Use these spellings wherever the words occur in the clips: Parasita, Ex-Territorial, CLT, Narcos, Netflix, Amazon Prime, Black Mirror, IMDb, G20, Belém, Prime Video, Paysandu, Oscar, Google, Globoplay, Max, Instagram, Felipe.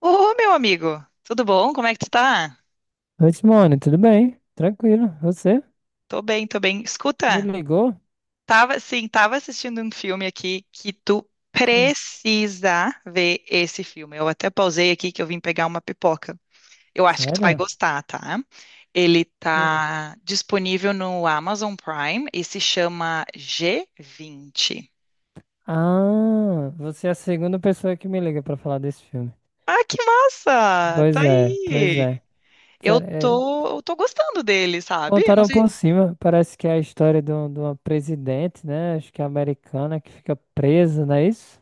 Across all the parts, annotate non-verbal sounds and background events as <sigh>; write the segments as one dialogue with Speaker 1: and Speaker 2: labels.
Speaker 1: Ô, meu amigo, tudo bom? Como é que tu tá?
Speaker 2: Oi, Simone, tudo bem? Tranquilo. Você
Speaker 1: Tô bem, tô bem.
Speaker 2: me
Speaker 1: Escuta,
Speaker 2: ligou?
Speaker 1: tava, sim, tava assistindo um filme aqui que tu
Speaker 2: Sim.
Speaker 1: precisa ver esse filme. Eu até pausei aqui que eu vim pegar uma pipoca. Eu acho que tu vai
Speaker 2: Sério?
Speaker 1: gostar, tá? Ele
Speaker 2: Hum.
Speaker 1: tá disponível no Amazon Prime e se chama G20.
Speaker 2: Ah, você é a segunda pessoa que me liga pra falar desse filme.
Speaker 1: Ah, que massa! Tá
Speaker 2: Pois é, pois
Speaker 1: aí.
Speaker 2: é.
Speaker 1: Eu
Speaker 2: Sério,
Speaker 1: tô, eu tô gostando dele, sabe? Eu não
Speaker 2: contaram
Speaker 1: sei.
Speaker 2: por cima, parece que é a história de, de uma presidente, né? Acho que é americana que fica presa, não é isso?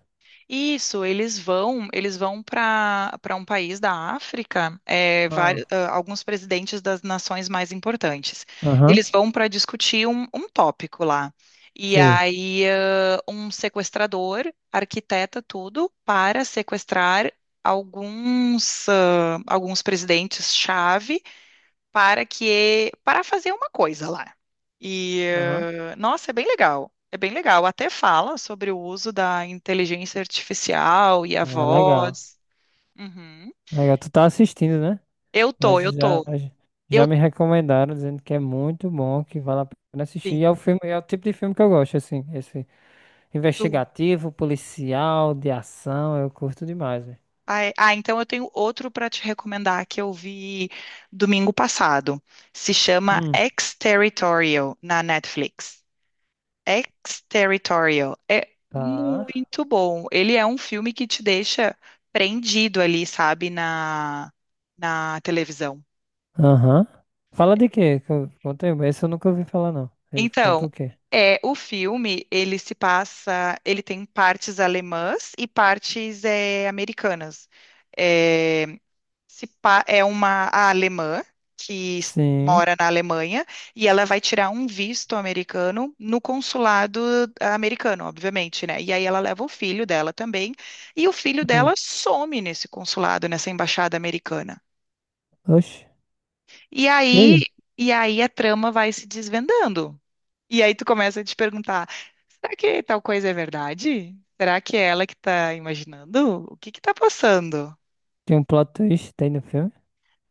Speaker 1: Isso, eles vão para um país da África, é,
Speaker 2: Ah.
Speaker 1: vários, alguns presidentes das nações mais importantes.
Speaker 2: Aham,
Speaker 1: Eles vão para discutir um tópico lá. E
Speaker 2: sei.
Speaker 1: aí, um sequestrador arquiteta tudo para sequestrar alguns, alguns presidentes-chave para fazer uma coisa lá. E
Speaker 2: Aham.
Speaker 1: nossa, é bem legal. É bem legal. Até fala sobre o uso da inteligência artificial e a
Speaker 2: Ah, legal.
Speaker 1: voz. Uhum.
Speaker 2: Legal, tu tá assistindo, né?
Speaker 1: Eu tô,
Speaker 2: Mas
Speaker 1: eu
Speaker 2: já,
Speaker 1: tô.
Speaker 2: já
Speaker 1: Eu
Speaker 2: me recomendaram, dizendo que é muito bom, que vale a pena assistir. E é
Speaker 1: sim,
Speaker 2: o filme, é o tipo de filme que eu gosto, assim, esse
Speaker 1: tu.
Speaker 2: investigativo, policial, de ação, eu curto demais, velho.
Speaker 1: Ah, então eu tenho outro para te recomendar que eu vi domingo passado. Se chama
Speaker 2: Hum,
Speaker 1: Ex-Territorial na Netflix. Exterritorial é
Speaker 2: tá.
Speaker 1: muito bom. Ele é um filme que te deixa prendido ali, sabe, na televisão.
Speaker 2: Aham. Fala de quê? Conta aí. Esse eu nunca ouvi falar, não. Ele
Speaker 1: Então,
Speaker 2: conta o quê?
Speaker 1: é o filme, ele se passa, ele tem partes alemãs e partes americanas. É, se pa- é uma a alemã que s-
Speaker 2: Sim.
Speaker 1: mora na Alemanha e ela vai tirar um visto americano no consulado americano, obviamente, né? E aí ela leva o filho dela também e o filho
Speaker 2: Hum.
Speaker 1: dela some nesse consulado, nessa embaixada americana.
Speaker 2: Oxe.
Speaker 1: E
Speaker 2: E
Speaker 1: aí,
Speaker 2: aí?
Speaker 1: e aí a trama vai se desvendando. E aí tu começa a te perguntar, será que tal coisa é verdade? Será que é ela que tá imaginando? O que que tá passando?
Speaker 2: Tem um plot twist, tem no filme?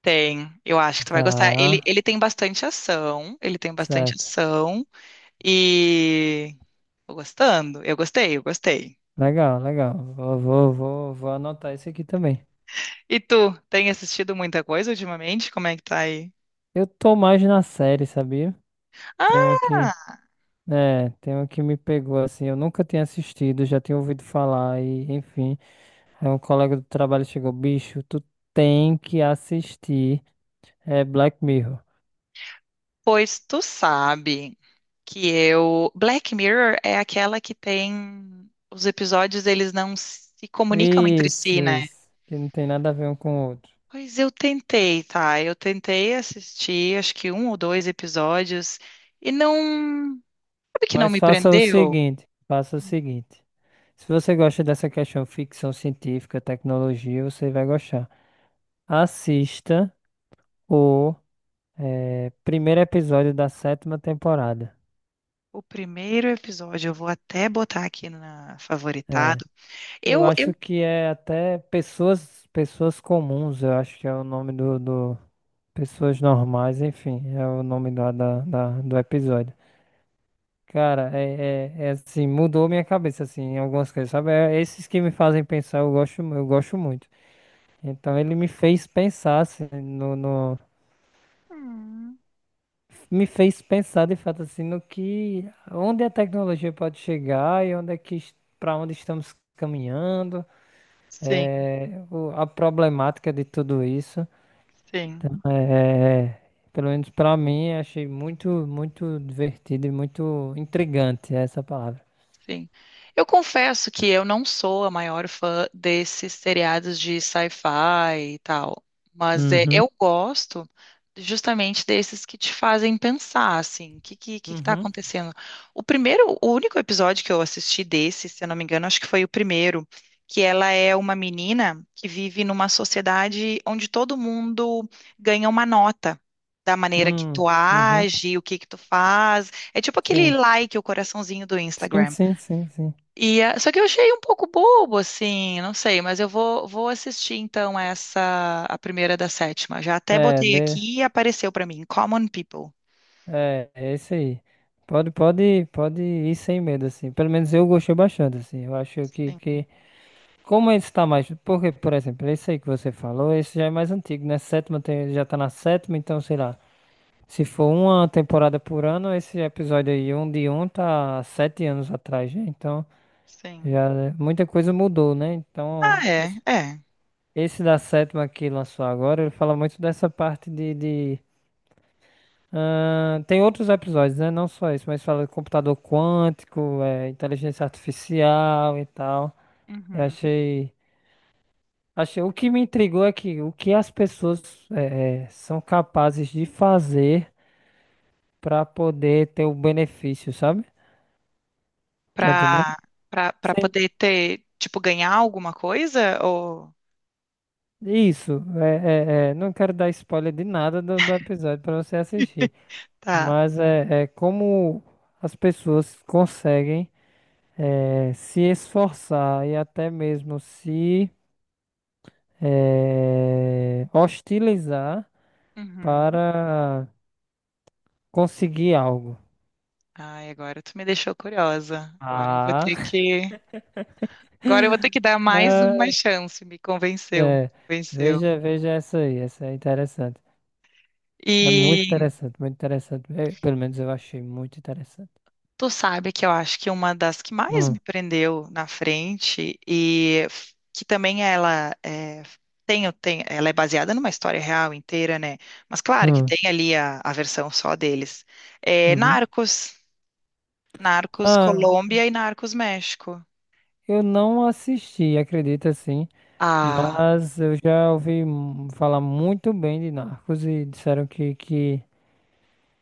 Speaker 1: Tem, eu acho que tu vai gostar. Ele,
Speaker 2: Tá.
Speaker 1: ele tem bastante ação, ele tem bastante
Speaker 2: Certo.
Speaker 1: ação e tô gostando. Eu gostei.
Speaker 2: Legal, legal. Vou anotar esse aqui também.
Speaker 1: E tu, tem assistido muita coisa ultimamente? Como é que tá aí?
Speaker 2: Eu tô mais na série, sabia? Tem uma que,
Speaker 1: Ah,
Speaker 2: tem uma que me pegou assim, eu nunca tinha assistido, já tinha ouvido falar e, enfim, aí um colega do trabalho chegou, bicho, tu tem que assistir, é Black Mirror.
Speaker 1: pois tu sabe que eu Black Mirror é aquela que tem os episódios, eles não se comunicam entre
Speaker 2: Isso,
Speaker 1: si, né?
Speaker 2: isso, que não tem nada a ver um com o outro.
Speaker 1: Pois eu tentei, tá? Eu tentei assistir, acho que um ou dois episódios e não, sabe que não
Speaker 2: Mas
Speaker 1: me
Speaker 2: faça o
Speaker 1: prendeu?
Speaker 2: seguinte, faça o seguinte. Se você gosta dessa questão ficção científica, tecnologia, você vai gostar. Assista o primeiro episódio da sétima temporada.
Speaker 1: O primeiro episódio, eu vou até botar aqui na
Speaker 2: É,
Speaker 1: favoritado.
Speaker 2: eu
Speaker 1: Eu,
Speaker 2: acho
Speaker 1: eu...
Speaker 2: que é até pessoas, pessoas comuns, eu acho que é o nome do pessoas normais, enfim, é o nome do episódio. Cara, é assim, mudou minha cabeça, assim, em algumas coisas, sabe? É, esses que me fazem pensar, eu gosto muito. Então ele me fez pensar, assim,
Speaker 1: Hum.
Speaker 2: me fez pensar de fato, assim, no que, onde a tecnologia pode chegar e onde é que, para onde estamos caminhando.
Speaker 1: Sim,
Speaker 2: É, a problemática de tudo isso,
Speaker 1: sim.
Speaker 2: então, pelo menos pra mim, achei muito, muito divertido e muito intrigante essa palavra.
Speaker 1: Sim. Eu confesso que eu não sou a maior fã desses seriados de sci-fi e tal, mas é,
Speaker 2: Uhum,
Speaker 1: eu gosto justamente desses que te fazem pensar, assim, o que que tá
Speaker 2: uhum,
Speaker 1: acontecendo? O primeiro, o único episódio que eu assisti desse, se eu não me engano, acho que foi o primeiro, que ela é uma menina que vive numa sociedade onde todo mundo ganha uma nota. Da maneira que
Speaker 2: hum,
Speaker 1: tu
Speaker 2: uhum,
Speaker 1: age, o que que tu faz. É tipo aquele
Speaker 2: sim,
Speaker 1: like, o coraçãozinho do
Speaker 2: sim,
Speaker 1: Instagram.
Speaker 2: sim, sim, sim.
Speaker 1: E, só que eu achei um pouco bobo, assim, não sei, mas eu vou, vou assistir então essa, a primeira da sétima. Já até
Speaker 2: É,
Speaker 1: botei
Speaker 2: de,
Speaker 1: aqui e apareceu pra mim, Common People.
Speaker 2: é isso aí. Pode, pode, pode ir sem medo, assim. Pelo menos eu gostei bastante, assim. Eu acho que,
Speaker 1: Sim,
Speaker 2: que... Como esse tá mais... Porque, por exemplo, esse aí que você falou, esse já é mais antigo, né? Sétima já tá na sétima, então, sei lá. Se for uma temporada por ano, esse episódio aí, um de um, tá 7 anos atrás, né? Então,
Speaker 1: sim.
Speaker 2: já muita coisa mudou, né? Então,
Speaker 1: Ah, é,
Speaker 2: esse,
Speaker 1: é.
Speaker 2: esse da sétima que lançou agora, ele fala muito dessa parte tem outros episódios, né? Não só isso, mas fala de computador quântico, é, inteligência artificial e tal. Eu
Speaker 1: Uhum.
Speaker 2: achei, achei. O que me intrigou é que o que as pessoas são capazes de fazer para poder ter o benefício, sabe? Tá entendendo?
Speaker 1: Pra, pra
Speaker 2: Sem-
Speaker 1: poder ter, tipo, ganhar alguma coisa? Ou.
Speaker 2: Isso, não quero dar spoiler de nada do, do episódio para você assistir,
Speaker 1: Tá.
Speaker 2: mas é como as pessoas conseguem se esforçar e até mesmo se hostilizar
Speaker 1: Uhum.
Speaker 2: para conseguir algo.
Speaker 1: Ai, agora tu me deixou curiosa. Agora eu vou ter
Speaker 2: Ah,
Speaker 1: que. Agora eu vou ter
Speaker 2: <laughs>
Speaker 1: que dar mais uma
Speaker 2: ah,
Speaker 1: chance, me convenceu.
Speaker 2: é,
Speaker 1: Convenceu.
Speaker 2: veja, veja essa aí, essa é interessante. É muito
Speaker 1: E
Speaker 2: interessante, muito interessante. É, pelo menos eu achei muito interessante.
Speaker 1: tu sabe que eu acho que uma das que mais
Speaker 2: Hum,
Speaker 1: me prendeu na frente e que também ela é, tem, tem, ela é baseada numa história real inteira, né? Mas claro que
Speaker 2: hum.
Speaker 1: tem ali a versão só deles. É
Speaker 2: Uhum.
Speaker 1: Narcos, Narcos
Speaker 2: Ah,
Speaker 1: Colômbia e Narcos México.
Speaker 2: eu não assisti, acredita assim,
Speaker 1: Ah,
Speaker 2: mas eu já ouvi falar muito bem de Narcos e disseram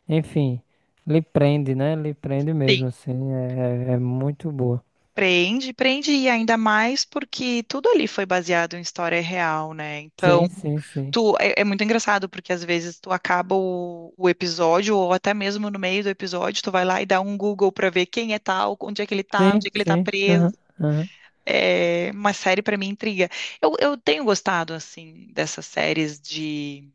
Speaker 2: enfim, lhe prende, né? Lhe prende
Speaker 1: sim.
Speaker 2: mesmo, assim, é muito boa.
Speaker 1: Prende, prende e ainda mais porque tudo ali foi baseado em história real, né? Então
Speaker 2: Sim, sim, sim.
Speaker 1: tu, é, é muito engraçado, porque às vezes tu acaba o episódio, ou até mesmo no meio do episódio, tu vai lá e dá um Google pra ver quem é tal, onde é que ele tá, onde
Speaker 2: Sim,
Speaker 1: é que ele tá
Speaker 2: sim.
Speaker 1: preso.
Speaker 2: Aham, aham.
Speaker 1: É uma série pra mim intriga. Eu tenho gostado, assim, dessas séries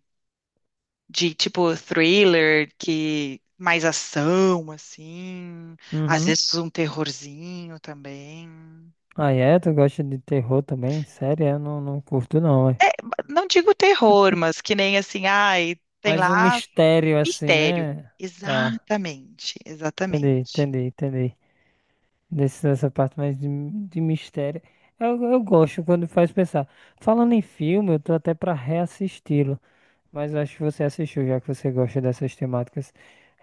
Speaker 1: de tipo thriller, que mais ação, assim, às
Speaker 2: Uhum.
Speaker 1: vezes um terrorzinho também.
Speaker 2: Ah, é? Tu gosta de terror também? Sério? Eu não, não curto não, ué.
Speaker 1: Não digo terror, mas que nem assim, ai, tem
Speaker 2: Mas um
Speaker 1: lá
Speaker 2: mistério assim,
Speaker 1: mistério.
Speaker 2: né? Tá,
Speaker 1: Exatamente,
Speaker 2: entendi,
Speaker 1: exatamente.
Speaker 2: entendi, entendi. Dessa parte mais de mistério. Eu gosto quando faz pensar. Falando em filme, eu tô até pra reassisti-lo. Mas eu acho que você assistiu, já que você gosta dessas temáticas.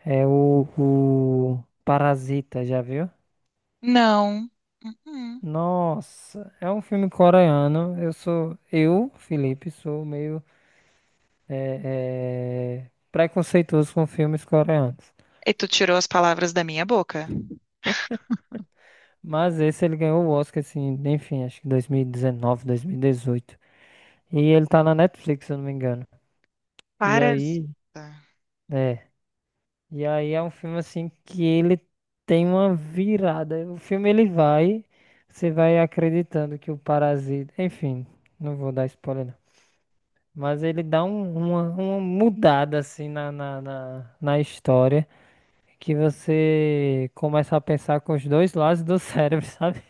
Speaker 2: É o Parasita, já viu?
Speaker 1: Não. Uhum.
Speaker 2: Nossa, é um filme coreano. Eu sou. Eu, Felipe, sou meio preconceituoso com filmes coreanos.
Speaker 1: E tu tirou as palavras da minha boca.
Speaker 2: Mas esse ele ganhou o Oscar, assim, enfim, acho que 2019, 2018. E dezenove, 2018. E ele tá na Netflix, se eu não me engano. E
Speaker 1: Parasita.
Speaker 2: aí, é. E aí é um filme assim que ele tem uma virada. O filme ele vai, você vai acreditando que o parasita, enfim, não vou dar spoiler não. Mas ele dá uma mudada assim na história que você começa a pensar com os dois lados do cérebro, <laughs> sabe?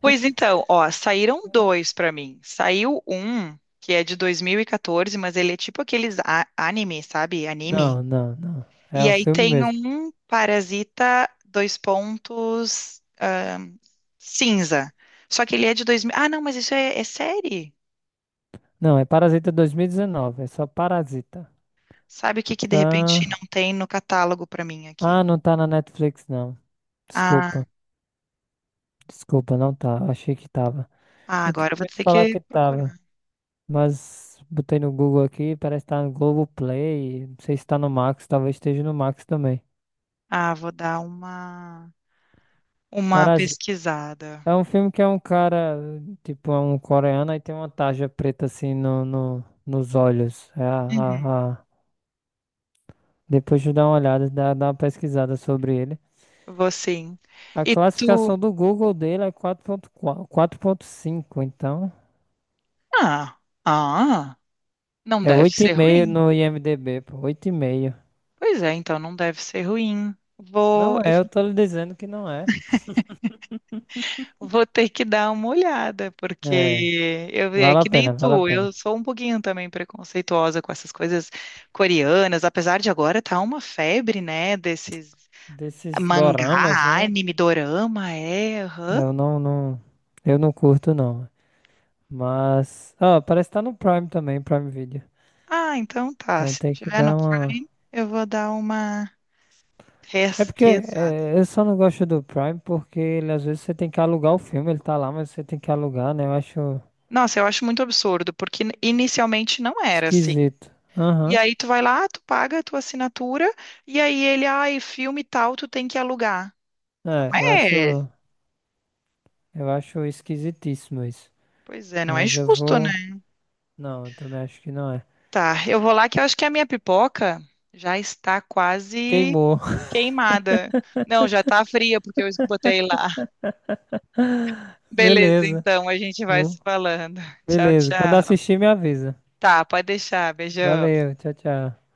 Speaker 1: Pois então, ó, saíram dois pra mim. Saiu um que é de 2014, mas ele é tipo aqueles anime, sabe? Anime.
Speaker 2: Não, não, não. É
Speaker 1: E
Speaker 2: o
Speaker 1: aí
Speaker 2: filme
Speaker 1: tem
Speaker 2: mesmo.
Speaker 1: um Parasita, dois pontos, cinza. Só que ele é de 2000. Ah, não, mas isso é, é série.
Speaker 2: Não, é Parasita 2019, é só Parasita.
Speaker 1: Sabe o que que de repente
Speaker 2: Tá.
Speaker 1: não tem no catálogo pra mim
Speaker 2: Ah,
Speaker 1: aqui?
Speaker 2: não tá na Netflix não.
Speaker 1: Ah,
Speaker 2: Desculpa. Desculpa, não tá. Achei que tava.
Speaker 1: ah,
Speaker 2: Eu tinha
Speaker 1: agora eu vou
Speaker 2: ouvido
Speaker 1: ter
Speaker 2: falar
Speaker 1: que
Speaker 2: que tava,
Speaker 1: procurar.
Speaker 2: mas botei no Google aqui, parece que tá no Globoplay. Não sei se tá no Max, talvez esteja no Max também.
Speaker 1: Ah, vou dar uma
Speaker 2: Parasita.
Speaker 1: pesquisada.
Speaker 2: É um filme que é um cara, tipo, é um coreano e tem uma tarja preta assim nos olhos.
Speaker 1: Uhum.
Speaker 2: Depois de dar uma olhada, dá uma pesquisada sobre ele.
Speaker 1: Vou sim.
Speaker 2: A
Speaker 1: E tu?
Speaker 2: classificação do Google dele é quatro ponto ponto cinco então.
Speaker 1: Ah, ah, não
Speaker 2: É
Speaker 1: deve ser
Speaker 2: 8,5
Speaker 1: ruim.
Speaker 2: no IMDb, pô, 8,5.
Speaker 1: Pois é, então não deve ser ruim. Vou,
Speaker 2: Não é, eu
Speaker 1: <laughs>
Speaker 2: tô lhe dizendo que não é.
Speaker 1: eu vou ter que dar uma olhada,
Speaker 2: É,
Speaker 1: porque eu é
Speaker 2: vale a
Speaker 1: que nem
Speaker 2: pena, vale a
Speaker 1: tu, eu
Speaker 2: pena.
Speaker 1: sou um pouquinho também preconceituosa com essas coisas coreanas, apesar de agora tá uma febre, né, desses
Speaker 2: Desses doramas,
Speaker 1: mangá,
Speaker 2: né?
Speaker 1: anime, dorama, é. Aham.
Speaker 2: Eu não, não, eu não curto não. Mas, ah, parece que tá no Prime também, Prime Video.
Speaker 1: Ah, então tá.
Speaker 2: Então
Speaker 1: Se
Speaker 2: tem que
Speaker 1: tiver no
Speaker 2: dar uma.
Speaker 1: Prime, eu vou dar uma
Speaker 2: É porque
Speaker 1: pesquisada.
Speaker 2: eu só não gosto do Prime porque ele, às vezes você tem que alugar o filme, ele tá lá, mas você tem que alugar, né? Eu acho
Speaker 1: Nossa, eu acho muito absurdo, porque inicialmente não era assim.
Speaker 2: esquisito.
Speaker 1: E
Speaker 2: Aham.
Speaker 1: aí tu vai lá, tu paga a tua assinatura, e aí ele, ai, filme tal, tu tem que alugar. Mas não
Speaker 2: É,
Speaker 1: é.
Speaker 2: eu acho esquisitíssimo isso.
Speaker 1: Pois é, não é
Speaker 2: Mas eu
Speaker 1: justo, né?
Speaker 2: vou. Não, eu também acho que não é.
Speaker 1: Tá, eu vou lá que eu acho que a minha pipoca já está quase
Speaker 2: Queimou.
Speaker 1: queimada. Não, já tá fria, porque eu botei lá. Beleza,
Speaker 2: Beleza.
Speaker 1: então, a gente vai
Speaker 2: Hum,
Speaker 1: se falando. Tchau,
Speaker 2: Beleza. Quando
Speaker 1: tchau.
Speaker 2: assistir, me avisa.
Speaker 1: Tá, pode deixar. Beijão.
Speaker 2: Valeu. Tchau, tchau.